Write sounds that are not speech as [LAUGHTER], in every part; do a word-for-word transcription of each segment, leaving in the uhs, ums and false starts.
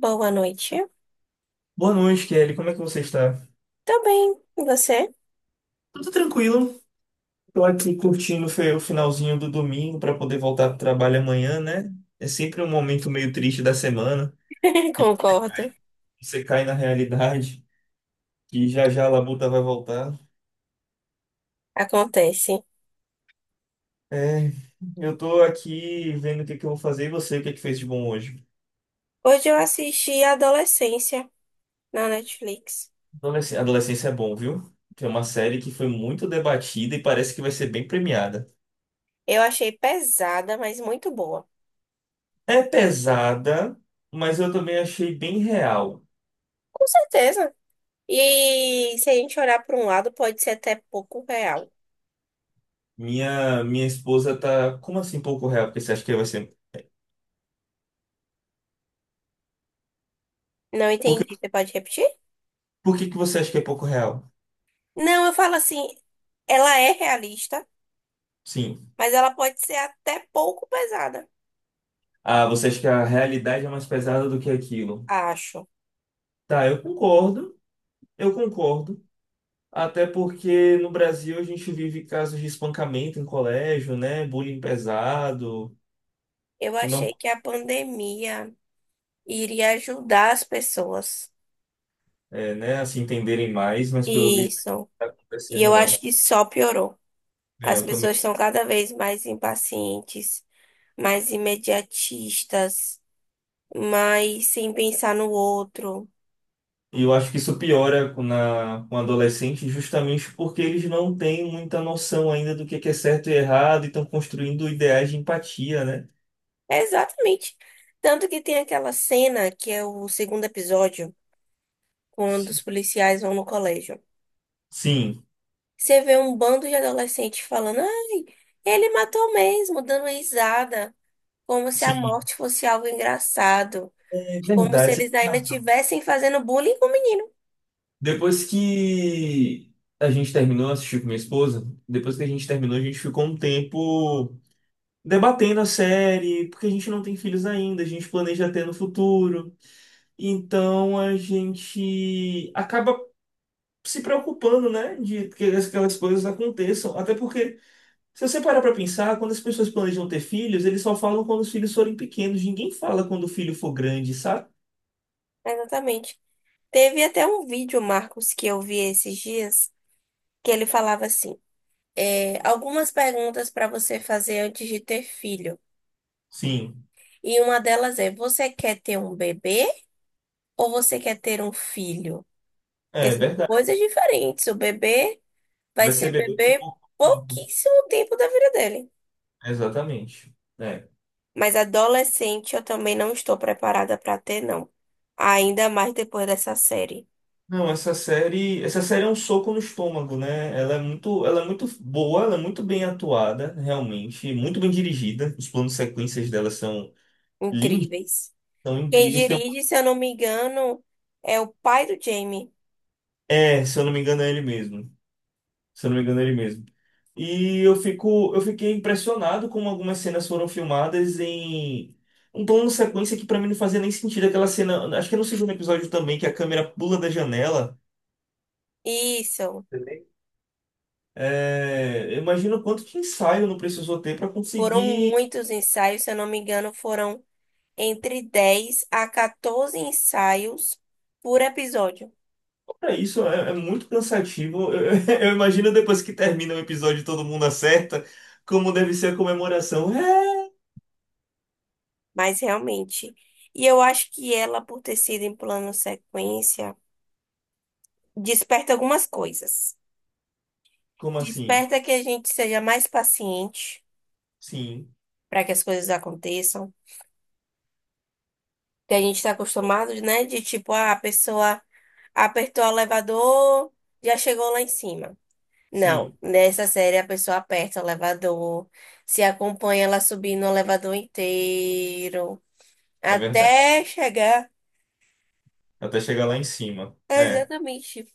Boa noite. Boa noite, Kelly. Como é que você está? Tô bem, e você? Tudo tranquilo. Tô aqui curtindo fe- o finalzinho do domingo para poder voltar para o trabalho amanhã, né? É sempre um momento meio triste da semana. [LAUGHS] Concordo, Você cai na realidade que já já a labuta vai voltar. acontece. É, eu tô aqui vendo o que que eu vou fazer e você, o que é que fez de bom hoje? Hoje eu assisti Adolescência na Netflix. Adolesc- Adolescência é bom, viu? Tem uma série que foi muito debatida e parece que vai ser bem premiada. Eu achei pesada, mas muito boa. É pesada, mas eu também achei bem real. Com certeza. E se a gente olhar para um lado, pode ser até pouco real. Minha, minha esposa tá. Como assim pouco real? Porque você acha que vai ser. Não Por que, entendi. Você pode repetir? por que que você acha que é pouco real? Não, eu falo assim, ela é realista, Sim. mas ela pode ser até pouco pesada, Ah, você acha que a realidade é mais pesada do que aquilo? acho. Tá, eu concordo. Eu concordo. Até porque no Brasil a gente vive casos de espancamento em colégio, né? Bullying pesado, Eu que não achei que a pandemia iria ajudar as pessoas. é, né? Assim entenderem mais, mas pelo visto não Isso. tá E acontecendo, eu acho não. que só piorou. É, As eu pessoas também. estão cada vez mais impacientes, mais imediatistas, mais sem pensar no outro. E eu acho que isso piora com, na, com adolescente justamente porque eles não têm muita noção ainda do que é que é certo e errado e estão construindo ideais de empatia, né? É exatamente. Tanto que tem aquela cena que é o segundo episódio, quando Sim, os policiais vão no colégio. sim, Você vê um bando de adolescentes falando: ai, ele matou mesmo, dando risada, como se a sim. morte fosse algo engraçado, É como se verdade. eles ainda estivessem fazendo bullying com o menino. Depois que a gente terminou, eu assisti com minha esposa, depois que a gente terminou, a gente ficou um tempo debatendo a série, porque a gente não tem filhos ainda, a gente planeja ter no futuro. Então a gente acaba se preocupando, né, de que aquelas coisas aconteçam. Até porque, se você parar para pensar, quando as pessoas planejam ter filhos, eles só falam quando os filhos forem pequenos. Ninguém fala quando o filho for grande, sabe? Exatamente. Teve até um vídeo, Marcos, que eu vi esses dias, que ele falava assim: é, algumas perguntas para você fazer antes de ter filho. Sim, E uma delas é: você quer ter um bebê ou você quer ter um filho? Porque é são verdade. coisas diferentes. O bebê vai Vai ser ser bebê por bebê pouco tempo. pouquíssimo tempo da vida dele. Exatamente. É. Mas adolescente eu também não estou preparada para ter, não. Ainda mais depois dessa série. Não, essa série, essa série é um soco no estômago, né? Ela é muito, ela é muito boa, ela é muito bem atuada, realmente, muito bem dirigida. Os planos sequências dela são lindos, Incríveis. são Quem incríveis. Tem- um- dirige, se eu não me engano, é o pai do Jamie. É, se eu não me engano, é ele mesmo. Se eu não me engano, ele mesmo. E eu fico, eu fiquei impressionado como algumas cenas foram filmadas em um plano sequência que pra mim não fazia nem sentido aquela cena. Acho que é no segundo episódio também, que a câmera pula da janela. Isso. Também. É, eu imagino quanto de ensaio não precisou ter para Foram conseguir. muitos ensaios, se eu não me engano, foram entre dez a quatorze ensaios por episódio. Olha, isso é, é muito cansativo. [LAUGHS] Eu, eu imagino depois que termina o episódio e todo mundo acerta, como deve ser a comemoração. É, Mas realmente. E eu acho que ela, por ter sido em plano sequência, desperta algumas coisas. como assim? Desperta que a gente seja mais paciente Sim, para que as coisas aconteçam. Que a gente está acostumado, né? De tipo, ah, a pessoa apertou o elevador, já chegou lá em cima. Não, sim, nessa série a pessoa aperta o elevador, se acompanha ela subindo o elevador inteiro, é verdade. até chegar. Até chegar lá em cima. É, É. exatamente.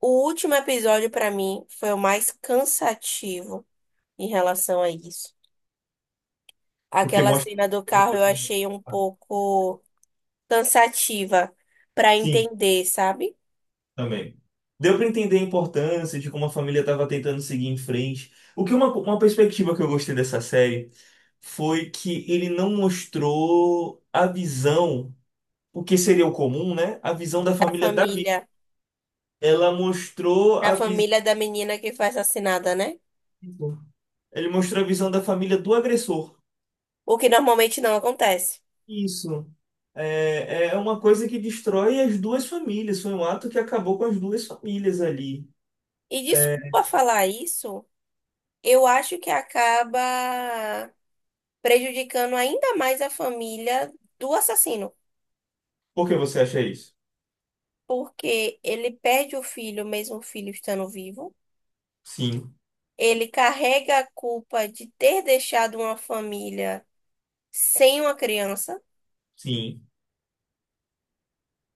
O último episódio pra mim foi o mais cansativo em relação a isso. Porque Aquela mostra cena do sobre o carro eu cotidiano. achei um pouco cansativa pra Sim, entender, sabe? também. Deu para entender a importância de como a família estava tentando seguir em frente. O que uma, uma perspectiva que eu gostei dessa série foi que ele não mostrou a visão, o que seria o comum, né? A visão da Da família da vítima. família, Ela mostrou da a visão. família da menina que foi assassinada, né? Ele mostrou a visão da família do agressor. O que normalmente não acontece. Isso. É, é uma coisa que destrói as duas famílias. Foi um ato que acabou com as duas famílias ali. E É, desculpa falar isso. Eu acho que acaba prejudicando ainda mais a família do assassino, por que você acha isso? porque ele perde o filho, mesmo o filho estando vivo. Sim, Ele carrega a culpa de ter deixado uma família sem uma criança, sim,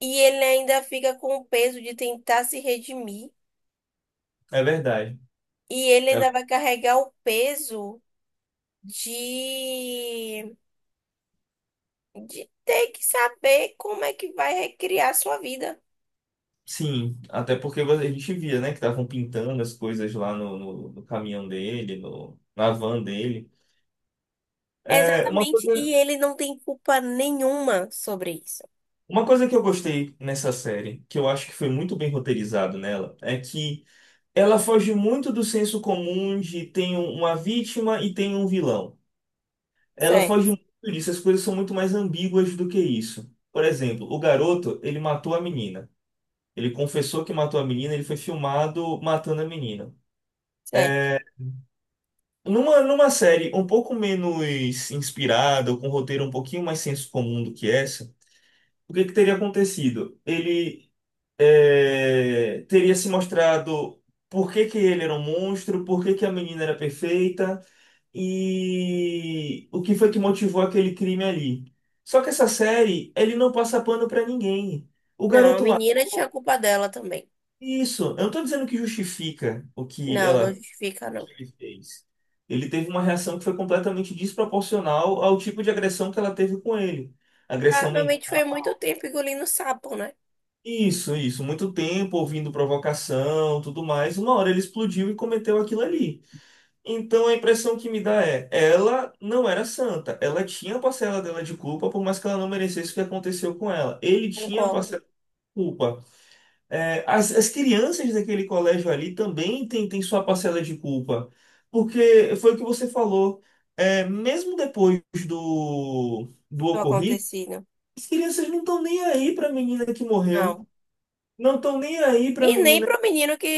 e ele ainda fica com o peso de tentar se redimir, é verdade. e ele É ainda ver- vai carregar o peso de, de ter que saber como é que vai recriar sua vida. sim, até porque vo- a gente via, né, que estavam pintando as coisas lá no, no, no caminhão dele, no, na van dele. É, uma Exatamente, coisa, e ele não tem culpa nenhuma sobre isso. uma coisa que eu gostei nessa série, que eu acho que foi muito bem roteirizado nela, é que ela foge muito do senso comum de tem um- uma vítima e tem um vilão. Ela Certo, foge muito disso, as coisas são muito mais ambíguas do que isso. Por exemplo, o garoto, ele matou a menina. Ele confessou que matou a menina, ele foi filmado matando a menina. certo. Numa, numa série um pouco menos inspirada, ou com um roteiro um pouquinho mais senso comum do que essa, o que que teria acontecido? Ele é, teria se mostrado por que que ele era um monstro, por que que a menina era perfeita e o que foi que motivou aquele crime ali. Só que essa série, ele não passa pano pra ninguém. O Não, a garoto menina tinha matou. culpa dela também. Isso, eu não tô dizendo que justifica o que Não, não ela justifica, que não. ele fez. Ele teve uma reação que foi completamente desproporcional ao tipo de agressão que ela teve com ele. Agressão Provavelmente mental. foi muito tempo engolindo sapo, né? Isso, isso. Muito tempo ouvindo provocação, tudo mais. Uma hora ele explodiu e cometeu aquilo ali. Então a impressão que me dá é, ela não era santa. Ela tinha a parcela dela de culpa, por mais que ela não merecesse o que aconteceu com ela. Ele tinha a Concordo parcela de culpa. É, as, as crianças daquele colégio ali também têm têm sua parcela de culpa, porque foi o que você falou, é, mesmo depois do, do do ocorrido, acontecido. as crianças não estão nem aí para a menina que morreu, Não. não estão nem aí para a E nem menina pro menino que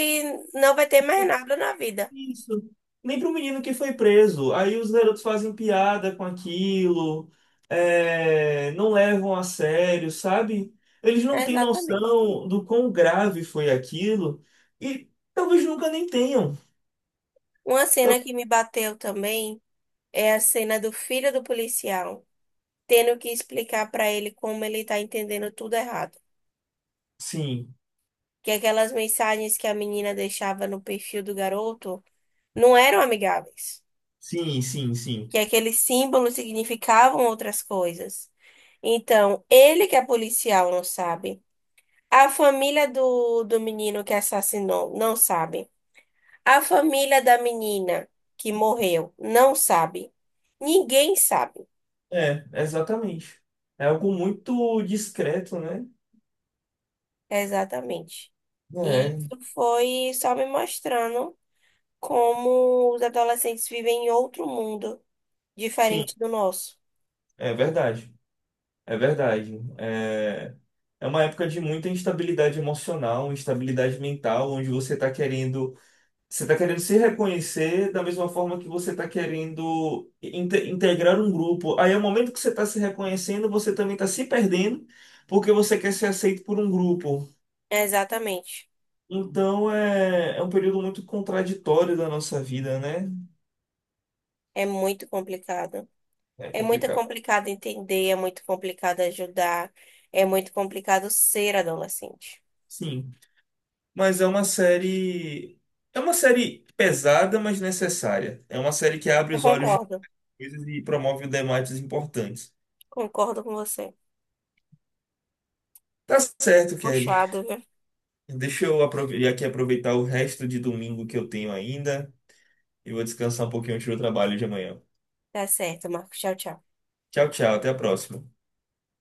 não vai ter mais nada na vida. isso, nem para o menino que foi preso. Aí os garotos fazem piada com aquilo, é, não levam a sério, sabe? Eles não têm Exatamente. noção do quão grave foi aquilo e talvez nunca nem tenham. Uma Tá- cena que me bateu também é a cena do filho do policial, tendo que explicar para ele como ele tá entendendo tudo errado. Sim, Que aquelas mensagens que a menina deixava no perfil do garoto não eram amigáveis. sim, sim, sim. Que aqueles símbolos significavam outras coisas. Então, ele que é policial não sabe. A família do, do menino que assassinou não sabe. A família da menina que morreu não sabe. Ninguém sabe É, exatamente. É algo muito discreto, né? exatamente. E É, isso foi só me mostrando como os adolescentes vivem em outro mundo, sim, diferente do nosso. é verdade. É verdade. É, é uma época de muita instabilidade emocional, instabilidade mental, onde você está querendo, você está querendo se reconhecer da mesma forma que você está querendo inte- integrar um grupo. Aí, ao momento que você está se reconhecendo, você também está se perdendo, porque você quer ser aceito por um grupo. Exatamente. Então é, é um período muito contraditório da nossa vida, né? É muito complicado. É É muito complicado. complicado entender, é muito complicado ajudar, é muito complicado ser adolescente. Sim, mas é uma série. É uma série pesada, mas necessária. É uma série que abre Eu os olhos de concordo, coisas e promove debates importantes. concordo com você. Tá certo, Kelly. Puxado, viu? Deixa eu aprove- aqui aproveitar o resto de domingo que eu tenho ainda e vou descansar um pouquinho antes do trabalho de amanhã. Tá certo, Marcos. Tchau, tchau. Tchau, tchau. Até a próxima.